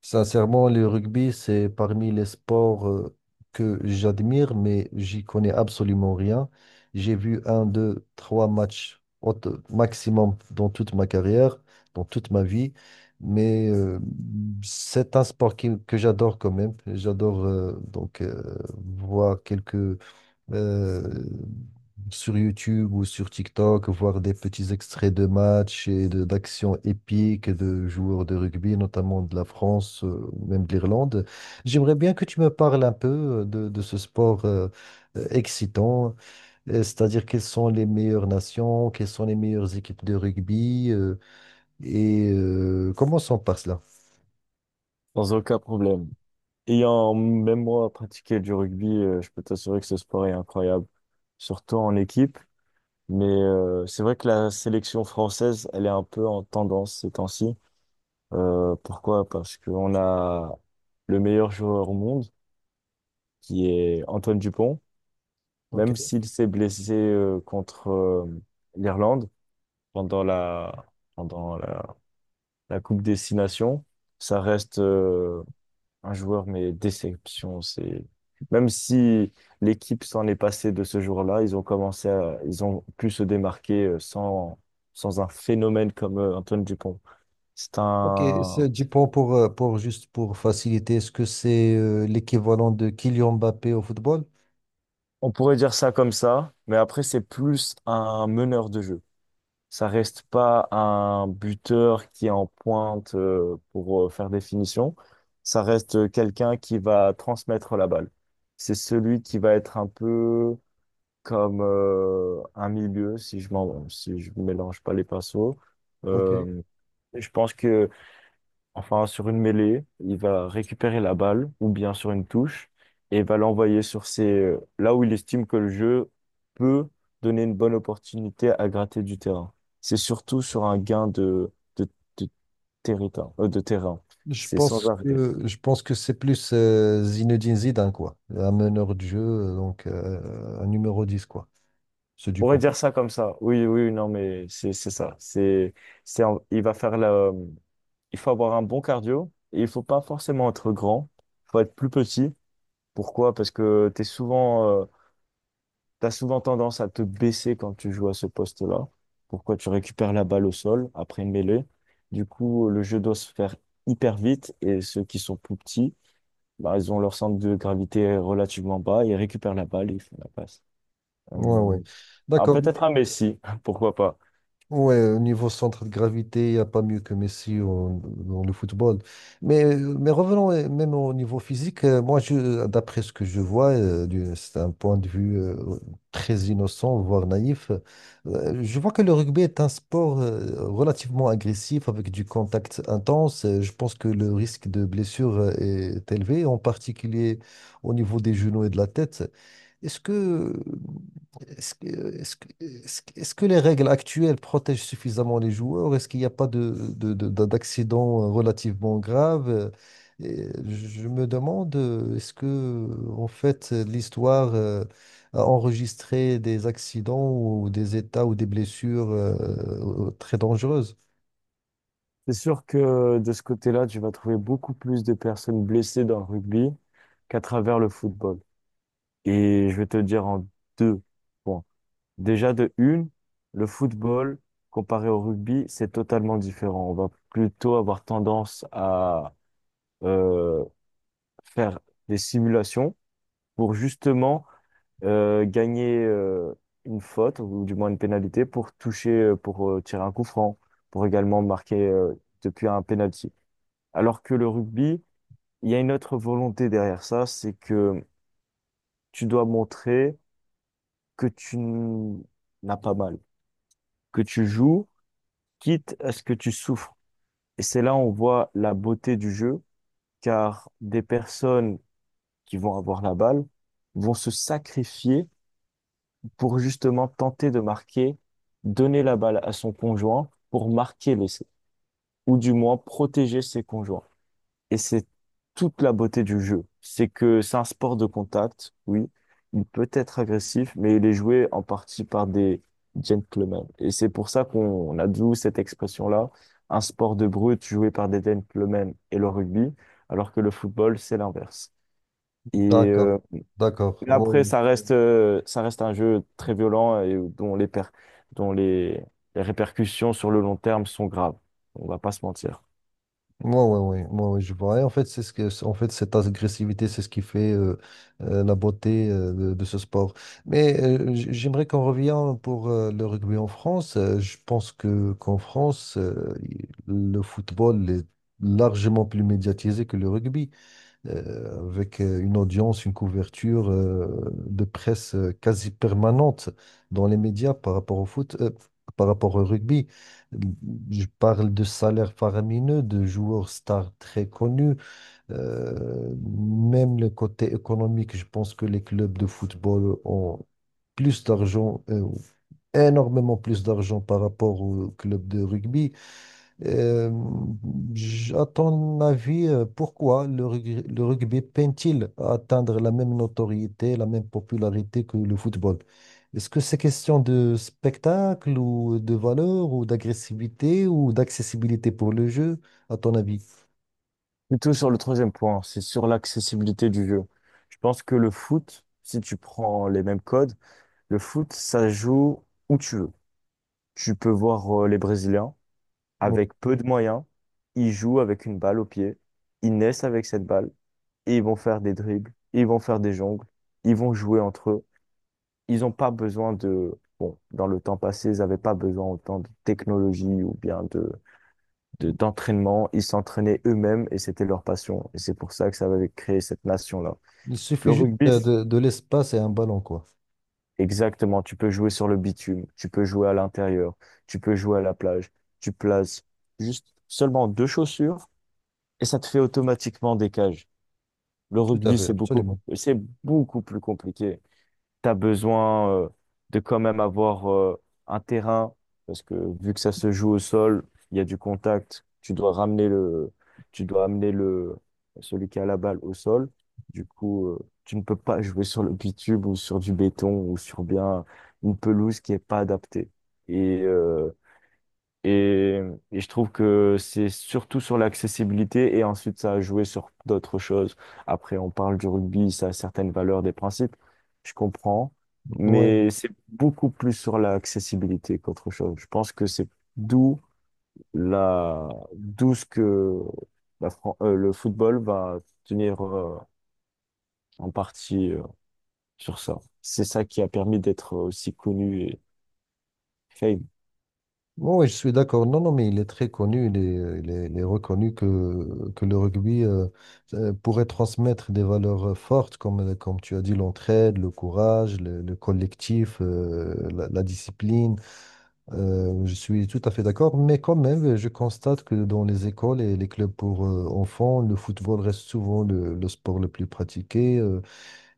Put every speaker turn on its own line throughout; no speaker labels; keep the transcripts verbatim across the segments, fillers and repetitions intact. Sincèrement, le rugby, c'est parmi les sports euh, que j'admire, mais j'y connais absolument rien. J'ai vu un, deux, trois matchs au t- maximum dans toute ma carrière, dans toute ma vie. Mais euh, c'est un sport qui- que j'adore quand même. J'adore euh, donc euh, voir quelques euh, sur YouTube ou sur TikTok, voir des petits extraits de matchs et de- d'actions épiques de joueurs de rugby, notamment de la France, euh, même de l'Irlande. J'aimerais bien que tu me parles un peu euh, de, de ce sport euh, euh, excitant, euh, c'est-à-dire quelles sont les meilleures nations, quelles sont les meilleures équipes de rugby euh, et euh, commençons par cela.
Sans aucun problème. Ayant même moi pratiqué du rugby, euh, je peux t'assurer que ce sport est incroyable, surtout en équipe. Mais euh, c'est vrai que la sélection française, elle est un peu en tendance ces temps-ci. Euh, pourquoi? Parce qu'on a le meilleur joueur au monde, qui est Antoine Dupont.
Ok,
Même s'il s'est blessé euh, contre euh, l'Irlande pendant la pendant la, la Coupe des Six Nations, ça reste euh, un joueur, mais déception, c'est... Même si l'équipe s'en est passée de ce jour-là, ils ont commencé à... Ils ont pu se démarquer euh, sans, sans un phénomène comme euh, Antoine Dupont. C'est
ok, c'est
un...
du point pour, euh, pour juste pour faciliter, est-ce que c'est euh, l'équivalent de Kylian Mbappé au football?
On pourrait dire ça comme ça, mais après, c'est plus un meneur de jeu. Ça reste pas un buteur qui est en pointe euh, pour euh, faire des finitions. Ça reste euh, quelqu'un qui va transmettre la balle. C'est celui qui va être un peu comme euh, un milieu si je m'en si je mélange pas les pinceaux.
Ok.
Euh, je pense que enfin sur une mêlée, il va récupérer la balle ou bien sur une touche et va l'envoyer sur ses là où il estime que le jeu peut donner une bonne opportunité à gratter du terrain. C'est surtout sur un gain de de, de territoire, euh, de terrain.
Je
C'est sans
pense
arrêt.
que je pense que c'est plus euh, Zinedine Zidane quoi, un meneur de jeu euh, donc euh, un numéro dix quoi, ce
On pourrait
Dupont.
dire ça comme ça. Oui, oui, non, mais c'est c'est ça. C'est c'est en- il va faire la il faut avoir un bon cardio et il faut pas forcément être grand. Il faut être plus petit. Pourquoi? Parce que t'es souvent, euh, t'as souvent tendance à te baisser quand tu joues à ce poste-là. Pourquoi? Tu récupères la balle au sol après une mêlée. Du coup, le jeu doit se faire hyper vite et ceux qui sont plus petits, bah, ils ont leur centre de gravité relativement bas, ils récupèrent la balle et ils font la passe.
Ouais,
Euh,
ouais.
ah,
D'accord.
peut-être un Messi, pourquoi pas?
Ouais, au niveau centre de gravité, il n'y a pas mieux que Messi au- dans le football. Mais, mais revenons euh, même au niveau physique. euh, Moi, je, d'après ce que je vois, euh, du- c'est un point de vue euh, très innocent, voire naïf. euh, Je vois que le rugby est un sport euh, relativement agressif, avec du contact intense. Euh, Je pense que le risque de blessure euh, est élevé, en particulier au niveau des genoux et de la tête. Est-ce que, est-ce que, est-ce que, est-ce que est-ce que les règles actuelles protègent suffisamment les joueurs? Est-ce qu'il n'y a pas de, de- de- de- d'accident relativement grave? Et je me demande, euh, est-ce que, en fait, l'histoire euh, a enregistré des accidents ou des états ou des blessures euh, très dangereuses?
C'est sûr que de ce côté-là, tu vas trouver beaucoup plus de personnes blessées dans le rugby qu'à travers le football. Et je vais te le dire en deux points. Déjà de une, le football, comparé au rugby, c'est totalement différent. On va plutôt avoir tendance à euh, faire des simulations pour justement euh, gagner euh, une faute ou du moins une pénalité pour toucher, euh, pour euh, tirer un coup franc, pour également marquer euh, depuis un penalty. Alors que le rugby, il y a une autre volonté derrière ça, c'est que tu dois montrer que tu n- n'as pas mal, que tu joues, quitte à ce que tu souffres. Et c'est là où on voit la beauté du jeu, car des personnes qui vont avoir la balle vont se sacrifier pour justement tenter de marquer, donner la balle à son conjoint pour marquer l'essai, ou du moins protéger ses conjoints. Et c'est toute la beauté du jeu. C'est que c'est un sport de contact, oui. Il peut être agressif, mais il est joué en partie par des gentlemen. Et c'est pour ça qu'on on a d'où cette expression-là, un sport de brut joué par des gentlemen et le rugby, alors que le football, c'est l'inverse. Et
D'accord,
euh,
d'accord.
mais après, ça reste, euh, ça reste un jeu très violent et dont les, per- dont les, les répercussions sur le long terme sont graves. On va pas se mentir.
Ouais, ouais, ouais, ouais, ouais, je vois. Et en fait, c'est ce que, en fait, cette agressivité, c'est ce qui fait euh, euh, la beauté euh, de, de ce sport. Mais euh, j- j'aimerais qu'on revienne pour euh, le rugby en France. Euh, je pense que qu'en France, euh, le football est largement plus médiatisé que le rugby euh, avec euh, une audience, une couverture euh, de presse euh, quasi permanente dans les médias par rapport au foot, euh, par rapport au rugby. Euh, Je parle de salaires faramineux, de joueurs stars très connus, euh, même le côté économique. Je pense que les clubs de football ont plus d'argent, euh, énormément plus d'argent par rapport aux clubs de rugby. Euh, j- à ton avis, euh, pourquoi le rugby, le rugby peine-t-il à atteindre la même notoriété, la même popularité que le football? Est-ce que c'est question de spectacle ou de valeur ou d'agressivité ou d'accessibilité pour le jeu, à ton avis?
Plutôt sur le troisième point, c'est sur l'accessibilité du jeu. Je pense que le foot, si tu prends les mêmes codes, le foot, ça joue où tu veux. Tu peux voir euh, les Brésiliens
Bon,
avec peu de moyens. Ils jouent avec une balle au pied. Ils naissent avec cette balle. Et ils vont faire des dribbles, ils vont faire des jongles, ils vont jouer entre eux. Ils n'ont pas besoin de... Bon, dans le temps passé, ils n'avaient pas besoin autant de technologie ou bien de, de- d'entraînement. Ils s'entraînaient eux-mêmes et c'était leur passion. Et c'est pour ça que ça avait créé cette nation-là.
il
Le
suffit juste
rugby,
euh, de, de l'espace et un ballon, quoi.
exactement, tu peux jouer sur le bitume, tu peux jouer à l'intérieur, tu peux jouer à la plage, tu places juste seulement deux chaussures et ça te fait automatiquement des cages. Le
Tout à
rugby,
fait,
c'est beaucoup,
absolument.
c'est beaucoup plus compliqué. Tu as besoin euh, de quand même avoir euh, un terrain, parce que vu que ça se joue au sol, il y a du contact, tu dois ramener le, tu dois amener le, celui qui a la balle au sol. Du coup, euh, tu ne peux pas jouer sur le bitume ou sur du béton ou sur bien une pelouse qui est pas adaptée. Et, euh, et, et je trouve que c'est surtout sur l'accessibilité et ensuite ça a joué sur d'autres choses. Après, on parle du rugby, ça a certaines valeurs, des principes, je comprends,
Ouais.
mais c'est beaucoup plus sur l'accessibilité qu'autre chose. Je pense que c'est d'où la, d'où ce que la Fran- euh, le football va tenir euh, en partie euh, sur ça. C'est ça qui a permis d'être aussi connu et fame.
Bon, oui, je suis d'accord. Non, non, mais il est très connu, il est, il est- il est reconnu que, que le rugby euh, euh, pourrait transmettre des valeurs euh, fortes, comme, euh, comme tu as dit, l'entraide, le courage, le, le collectif, euh, la, la discipline. Euh, je suis tout à fait d'accord, mais quand même, je constate que dans les écoles et les clubs pour euh, enfants, le football reste souvent le, le sport le plus pratiqué. euh,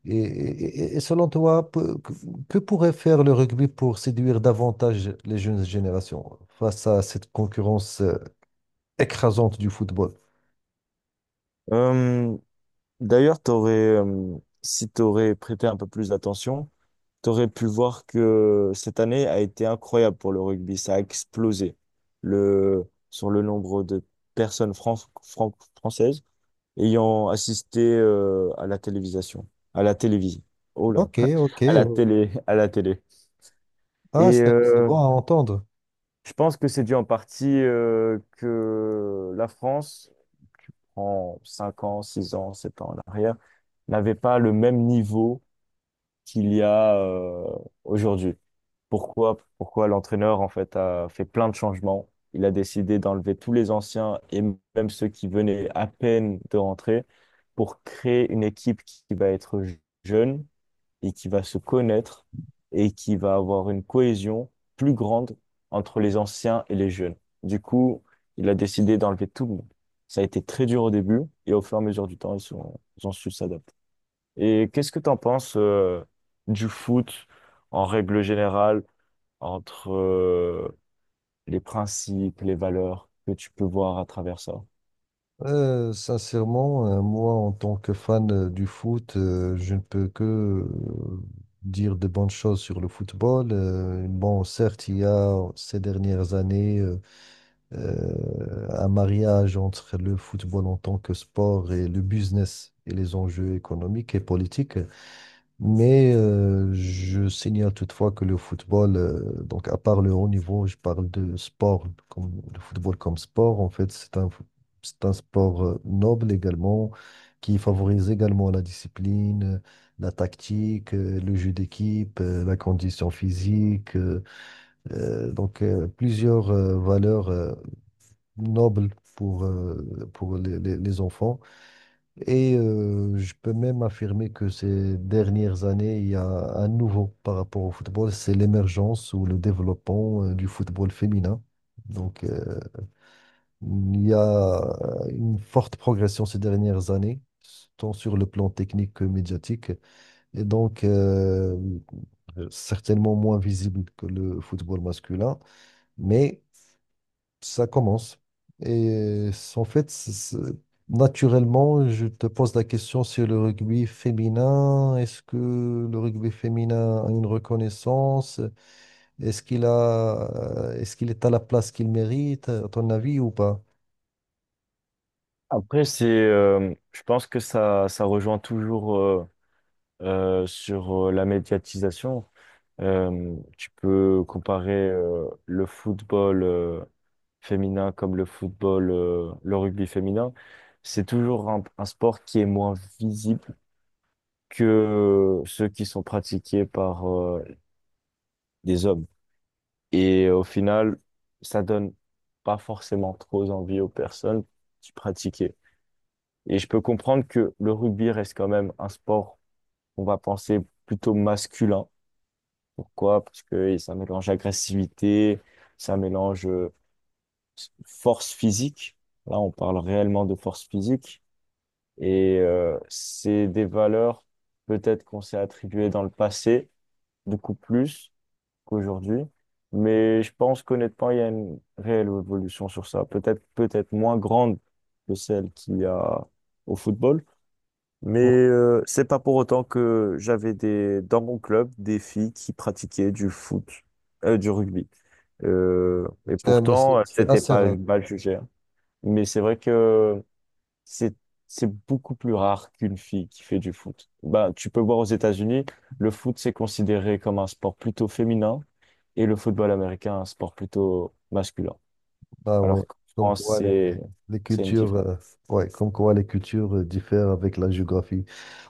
et, et- et selon toi, peu- que, que pourrait faire le rugby pour séduire davantage les jeunes générations face à cette concurrence euh, écrasante du football?
Hum, D'ailleurs, t'aurais, euh, si tu aurais prêté un peu plus d'attention, tu aurais pu voir que cette année a été incroyable pour le rugby. Ça a explosé le, sur le nombre de personnes fran- fran- françaises ayant assisté euh, à la télévision. À la télévision. Oh là!
Ok, ok.
À la
Oh.
télé, à la télé.
Ah,
Et
c'est c'est
euh,
bon à entendre.
je pense que c'est dû en partie euh, que la France, en cinq ans, six ans, sept ans en arrière, n'avait pas le même niveau qu'il y a euh, aujourd'hui. Pourquoi, pourquoi l'entraîneur en fait a fait plein de changements. Il a décidé d'enlever tous les anciens et même ceux qui venaient à peine de rentrer pour créer une équipe qui va être jeune et qui va se connaître et qui va avoir une cohésion plus grande entre les anciens et les jeunes. Du coup, il a décidé d'enlever tout le monde. Ça a été très dur au début et au fur et à mesure du temps, ils sont, ils ont su s'adapter. Et qu'est-ce que tu en penses euh, du foot en règle générale, entre euh, les principes, les valeurs que tu peux voir à travers ça?
Euh, sincèrement, euh, moi, en tant que fan euh, du foot, euh, je ne peux que euh, dire de bonnes choses sur le football. Euh, bon, certes, il y a ces dernières années euh, euh, un mariage entre le football en tant que sport et le business et les enjeux économiques et politiques. Mais euh, je signale toutefois que le football, euh, donc à part le haut niveau, je parle de sport, comme, le football comme sport, en fait, c'est un, c'est un sport euh, noble également, qui favorise également la discipline. La tactique, euh, le jeu d'équipe, euh, la condition physique, euh, euh, donc euh, plusieurs euh, valeurs euh, noble pour, euh, pour les, les- les enfants. Et euh, je peux même affirmer que ces dernières années, il y a un nouveau par rapport au football, c'est l'émergence ou le développement euh, du football féminin. Donc, euh, il y a une forte progression ces dernières années, tant sur le plan technique que médiatique, et donc euh, certainement moins visible que le football masculin, mais Ça commence. Et c'est- en fait, c'est- c'est- naturellement, je te pose la question sur le rugby féminin. Est-ce que le rugby féminin a une reconnaissance? Est-ce qu'il a, euh, est-ce qu'il est à la place qu'il mérite, à ton avis, ou pas?
Après, c'est, euh, je pense que ça, ça rejoint toujours. euh, euh, sur euh, la médiatisation. Euh, tu peux comparer euh, le football euh, féminin comme le football, euh, le rugby féminin. C'est toujours un, un sport qui est moins visible que ceux qui sont pratiqués par euh, des hommes. Et au final, ça donne pas forcément trop envie aux personnes qui pratiquaient. Et je peux comprendre que le rugby reste quand même un sport qu'on va penser plutôt masculin. Pourquoi? Parce que ça mélange agressivité, ça mélange euh, force physique. Là, on parle réellement de force physique. Et euh, c'est des valeurs peut-être qu'on s'est attribuées dans le passé, beaucoup plus qu'aujourd'hui. Mais je pense qu'honnêtement, il y a une réelle évolution sur ça. Peut-être, peut-être moins grande que celle qu'il y a au football mais
Non,
euh, c'est pas pour autant que j'avais des dans mon club des filles qui pratiquaient du foot, euh, du rugby. Euh, et
c'est mais c'est-
pourtant,
c'est
c'était
assez
pas
rare.
mal jugé, hein. Mais c'est vrai que c'est c'est beaucoup plus rare qu'une fille qui fait du foot. Ben, tu peux voir aux États-Unis, le foot c'est considéré comme un sport plutôt féminin et le football américain un sport plutôt masculin.
Ah ouais.
Alors qu'en
Comme
France,
quoi les,
c'est
les
c'est une
cultures,
différence.
euh, Ouais, comme quoi les cultures euh, diffèrent avec la géographie.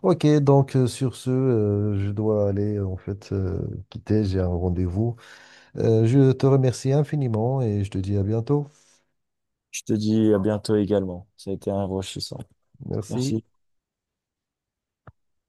Ok, donc euh, sur ce, euh, je dois aller en fait euh, quitter, j'ai un rendez-vous. Euh, je te remercie infiniment et je te dis à bientôt.
Je te dis à bientôt également. Ça a été enrichissant.
Merci.
Merci.